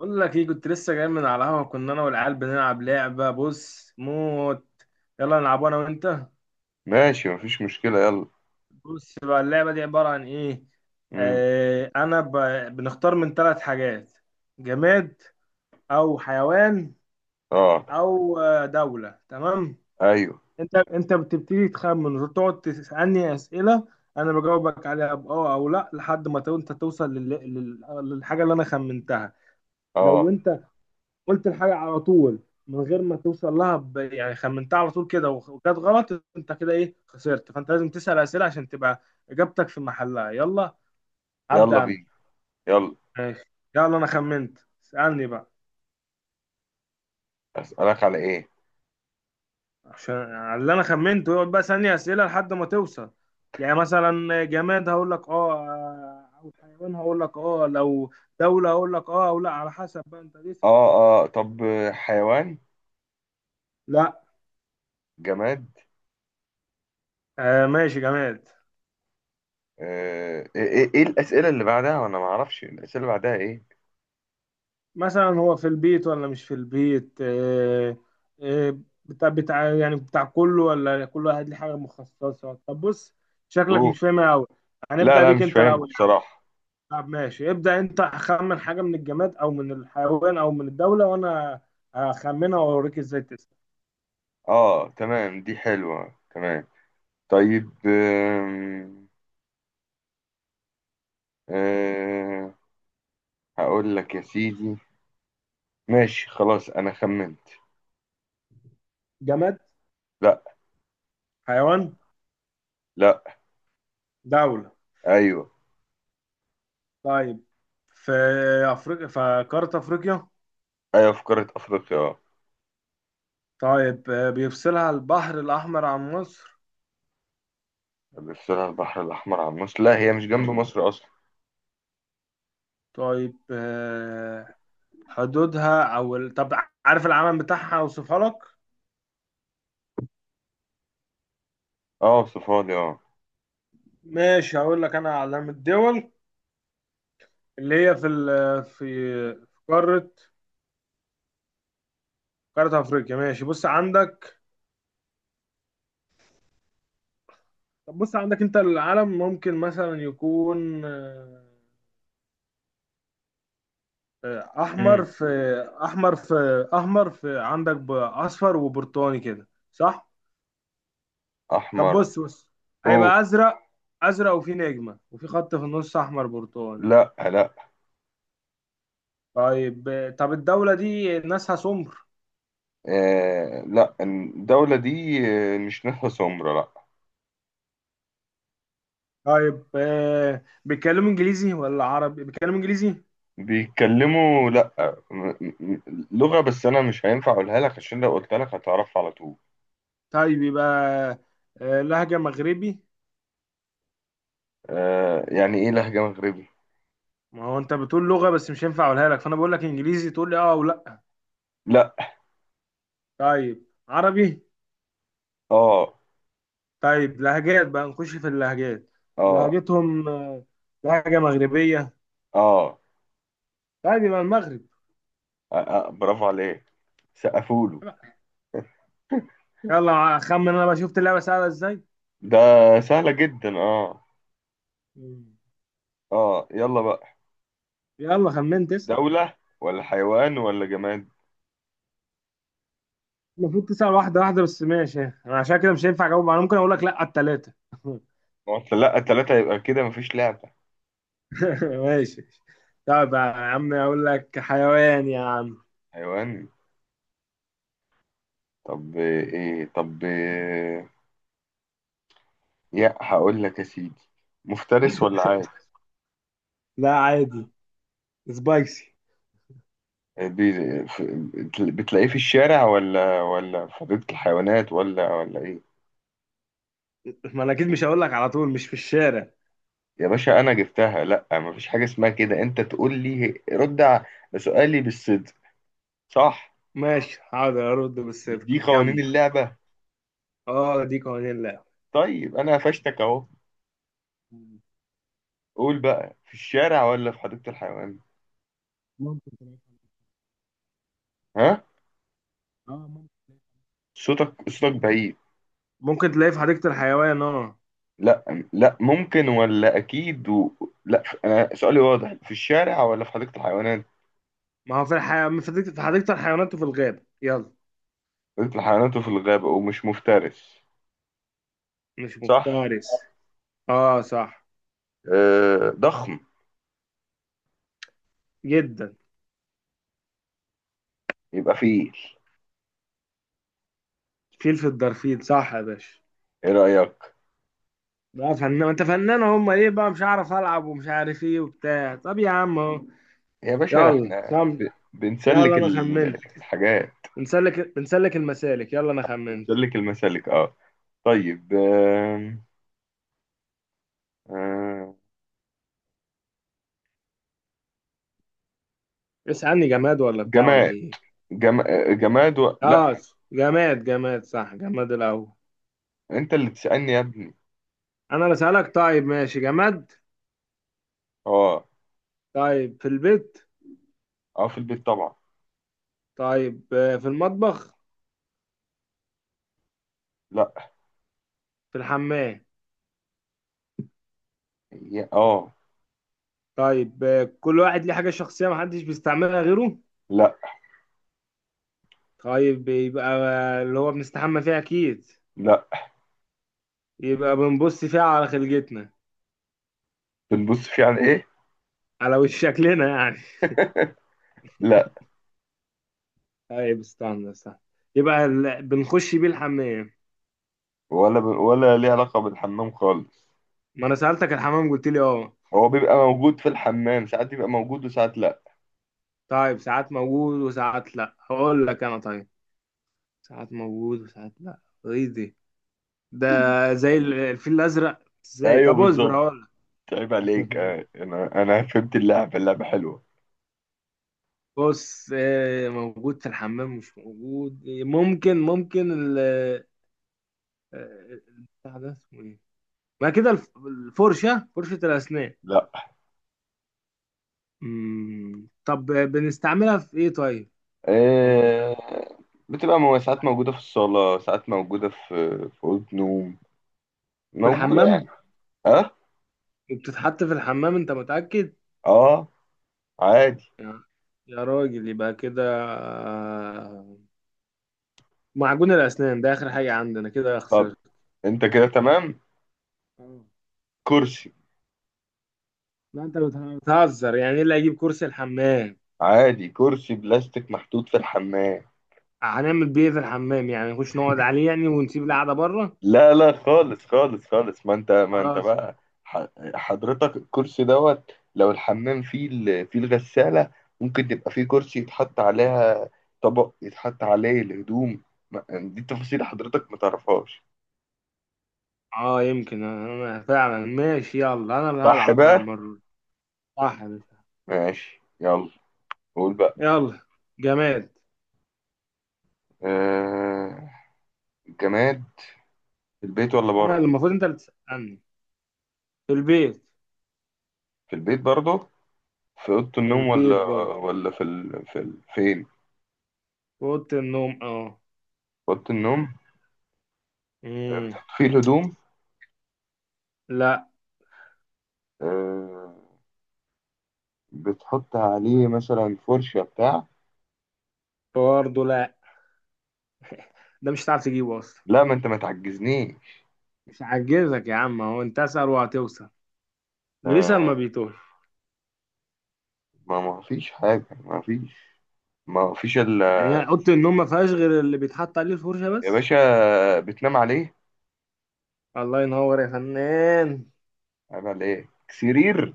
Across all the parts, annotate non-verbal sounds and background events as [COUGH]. بقول لك ايه، كنت لسه جاي من على القهوه. كنا انا والعيال بنلعب لعبه بص موت. يلا نلعب انا وانت. ماشي، مفيش مشكلة، يلا. بص بقى، اللعبه دي عباره عن ايه. امم. آه انا ب... بنختار من ثلاث حاجات: جماد، او حيوان، اه. او دوله. تمام، ايوه. انت بتبتدي تخمن وتقعد تسالني اسئله، انا بجاوبك عليها باه او لا لحد ما انت توصل لل... للحاجه اللي انا خمنتها. لو اه. انت قلت الحاجة على طول من غير ما توصل لها، يعني خمنتها على طول كده وكانت غلط، انت كده ايه، خسرت. فانت لازم تسأل أسئلة عشان تبقى إجابتك في محلها. يلا يلا هبدأ أنا. بينا. يلا. ماشي. يلا أنا خمنت، اسألني بقى اسألك على ايه؟ عشان على اللي أنا خمنته يقعد بقى ثانية أسئلة لحد ما توصل. يعني مثلا جماد هقول لك اه، أو حيوان هقول لك اه، لو دولة هقول لك اه أو لا، على حسب بقى أنت تسأل. اه. اه، طب حيوان. لا. جماد. آه ماشي، جماد. آه، ايه ايه إيه الأسئلة اللي بعدها، وانا ما اعرفش الأسئلة اللي بعدها ايه؟ مثلا هو في البيت ولا مش في البيت؟ آه، بتاع يعني بتاع كله ولا كل واحد ليه حاجة مخصصة؟ طب بص، شكلك اوه. مش فاهمها أوي. لا، هنبدأ لا، بيك مش أنت فاهمها الأول يا عم. بصراحة. طب ماشي، ابدأ أنت، خمن حاجة من الجماد أو من الحيوان أو من الدولة وأنا هخمنها وأوريك إزاي تسأل. اه، تمام، دي حلوة، تمام. طيب. آه. هقول لك يا سيدي. ماشي، خلاص، انا خمنت. جماد. لا. حيوان. لا. دولة. ايوه. طيب، في أفريقيا، في قارة أفريقيا. ايوه، في قارة افريقيا، آه. طيب بيفصلها البحر الأحمر عن مصر. بتسأل البحر الأحمر عن مصر؟ لا، هي مش جنب مصر أصلا. طيب حدودها او طب عارف العلم بتاعها؟ اوصفها لك. اه، صفالي، اه. ماشي، هقول لك انا علام الدول اللي هي في في قارة افريقيا. ماشي، بص عندك. طب بص عندك انت العلم، ممكن مثلا يكون آه، احمر امم. في احمر في عندك، اصفر وبرتقاني كده، صح؟ طب أحمر. بص بص، أوه. هيبقى ازرق. ازرق وفي نجمة وفي خط في النص، احمر برتقاني. لا، لا. طيب طب الدولة دي ناسها سمر؟ آه، لا، الدولة دي. آه، مش ناسها سمرة، لا. طيب آه، بيتكلموا انجليزي ولا عربي؟ بيتكلموا انجليزي؟ بيتكلموا، لا. م- م- لغة، بس أنا مش هينفع أقولها لك، عشان لو قلت لك هتعرفها على طول. طيب يبقى آه لهجة مغربي. آه، يعني إيه لهجة مغربي؟ ما هو انت بتقول لغة بس مش هينفع اقولها لك، فانا بقول لك انجليزي، تقول لي اه او لا. لا. طيب عربي. اه. طيب لهجات بقى، نخش في اللهجات. اه. لهجتهم آه لهجة مغربية. اه. طيب يبقى المغرب. آه. آه، برافو عليك. سقفوله. يلا خمن انا بقى، شفت اللعبة سهلة ازاي. ده. سهلة جدا، اه. مم. اه، يلا بقى. يلا خمنت، اسأل. دولة ولا حيوان ولا جماد؟ المفروض تسأل واحدة واحدة، بس ماشي انا عشان كده مش هينفع اجاوب، انا ممكن اقول لك لا على التلاتة. [LAUGHS] ما هو لا، التلاتة يبقى كده مفيش لعبة. [LAUGHS] ماشي. طب يا عم اقول لك حيوان يا عم. حيوان. طب إيه؟ هقول لك يا سيدي. مفترس ولا عاد؟ لا عادي. سبايسي. بي- ف- بتلاقيه في الشارع، ولا في حديقة الحيوانات، ولا ايه؟ ما انا اكيد مش هقول لك على طول مش في الشارع. يا باشا، انا جبتها، لا، مفيش حاجة اسمها كده، انت تقول لي رد على سؤالي بالصدق. صح. ماشي حاضر، ارد مش دي بالصدق، قوانين كمل. اللعبة؟ اه دي قوانين اللعبة. طيب، انا قفشتك اهو. قول بقى، في الشارع ولا في حديقة الحيوان؟ ممكن تلاقي. ها؟ اه ممكن تلاقي. صوتك بعيد. ممكن تلاقيه في حديقة الحيوان اه. لا. لا ممكن ولا اكيد لا، انا سؤالي واضح، في الشارع ولا في حديقة الحيوانات؟ ما هو في حديقة الحيوانات وفي الغابة، يلا. حديقة الحيوانات وفي الغابة، ومش مفترس؟ مش صح. مفترس. اه صح. أه، ضخم؟ جدا. يبقى فيل. فيل، في الدرفيل، صح يا باشا. ايه رأيك؟ بقى فنان، ما انت فنان، هم ايه بقى، مش عارف العب ومش عارف ايه وبتاع. طب يا عم اهو. يا باشا، ده احنا يلا خم يلا بنسلك انا خمنت. الحاجات. بنسلك المسالك. يلا انا خمنت. بنسلك المسالك، اه. طيب. آم، آم، اسألني، جماد ولا بتاع ولا جماد. ايه؟ جم... آه، جماد لا. اه. جماد صح، جماد الاول. انت اللي تسألني يا ابني. انا اللي اسألك. طيب ماشي، جماد. اه. طيب في البيت. اه، في البيت طبعا. طيب في المطبخ. لا. في الحمام. اه. طيب كل واحد ليه حاجة شخصية محدش بيستعملها غيره. لا. طيب يبقى اللي هو بنستحمى فيها اكيد. لا. يبقى بنبص فيها على خلقتنا، بنبص فيه عن ايه؟ على وش شكلنا يعني. لا. طيب، استنى استنى. يبقى بنخش بيه الحمام. ولا ليه علاقه بالحمام خالص. ما انا سألتك الحمام قلت لي اه. هو بيبقى موجود في الحمام، ساعات بيبقى موجود وساعات لا. طيب ساعات موجود وساعات لا، هقول لك انا طيب. ساعات موجود وساعات لا؟ ايه دي؟ ده [LAUGHS] زي الفيل الازرق، ازاي؟ ايوه، طب اصبر بالظبط. هقول لك. عيب عليك، [LAUGHS] انا فهمت اللعبه، اللعبه حلوه. بص موجود في الحمام مش موجود، ممكن ال... البتاع ده اسمه ايه؟ ما كده الفرشة، فرشة الأسنان. لا. طب بنستعملها في ايه طيب؟ ما هو آه، بتبقى ساعات موجوده في الصاله، ساعات موجوده في اوضه نوم. في موجوده يعني. الحمام. اه. وبتتحط في الحمام انت متأكد؟ اه. عادي. يا يا راجل، يبقى كده آه، معجون الأسنان، ده آخر حاجة عندنا، كده طب خسرت. انت كده تمام. اه. كرسي. لا انت بتهزر، يعني ايه اللي هيجيب كرسي الحمام؟ عادي، كرسي بلاستيك محطوط في الحمام. هنعمل بيه إيه في الحمام يعني؟ نخش نقعد عليه يعني ونسيب القعدة بره؟ لا، لا، خالص خالص خالص، ما انت خلاص. بقى. ح- حضرتك الكرسي دوت، لو الحمام فيه فيه الغسالة، ممكن تبقى فيه كرسي يتحط عليها، طبق يتحط عليه الهدوم. دي تفاصيل حضرتك ما تعرفهاش. اه يمكن انا فعلا، ماشي. يلا انا اللي صح هلعب بقى بقى. المرة دي. صح يا باشا. ماشي، يلا. قول بقى. يلا، جماد. آه. جماد. في البيت ولا انا بره؟ اللي المفروض، انت اللي تسألني. في البيت. في البيت برضه. في أوضة في النوم ولا؟ البيت برضه. ولا في ال... في ال... فين في في أوضة النوم اه. أوضة النوم. امم. في الهدوم؟ لا. آه... بتحط عليه مثلا فرشة بتاع. برضه لا. ده مش هتعرف تجيبه اصلا. لا، ما انت ما تعجزنيش. مش عجزك يا عم، هو انت اسأل وهتوصل، الريسة آه، ما بيتوه. ما فيش حاجة ما فيش. ما فيش يعني هي اوضه النوم ما فيهاش غير اللي بيتحط عليه الفرشه يا بس؟ باشا. بتنام عليه. الله ينور يا فنان. عيب على ايه، سرير.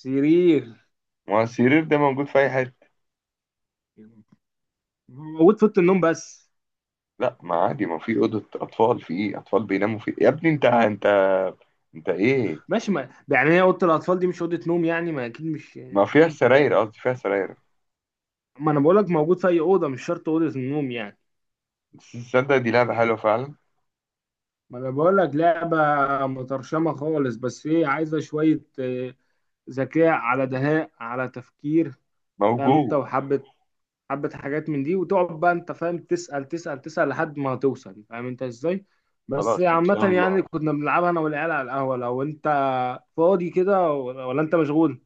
سرير. ما هو السرير ده موجود في اي حتة. موجود في اوضه النوم بس. لا، ما عادي، ما في أوضة أطفال، في ايه، أطفال بيناموا في، يا ابني، انت. انت ايه؟ ماشي، ما يعني هي اوضه الاطفال دي مش اوضه نوم يعني، ما اكيد مش يعني ما مش فيها اوضه. سراير، قصدي فيها سراير. ما انا بقول لك موجود في اي اوضه، مش شرط اوضه النوم يعني. بس تصدق، دي لعبة حلوة فعلا. ما انا بقول لك لعبه مترشمه خالص، بس هي عايزه شويه ذكاء على دهاء على تفكير، فاهم انت، موجود. وحبه حبة حاجات من دي، وتقعد بقى انت فاهم تسأل تسأل تسأل لحد ما هتوصل، فاهم انت ازاي. بس خلاص، ان عامة شاء يعني الله. كنا بنلعبها انا والعيال على القهوة. لو انت فاضي كده ولا انت مشغول؟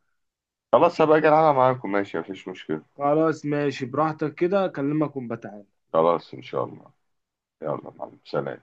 خلاص، هبقى اجي العبها معاكم، ماشي، مفيش مشكلة. خلاص ماشي، براحتك، كده اكلمك ونبقى تعالى. خلاص، ان شاء الله. يلا، مع السلامة.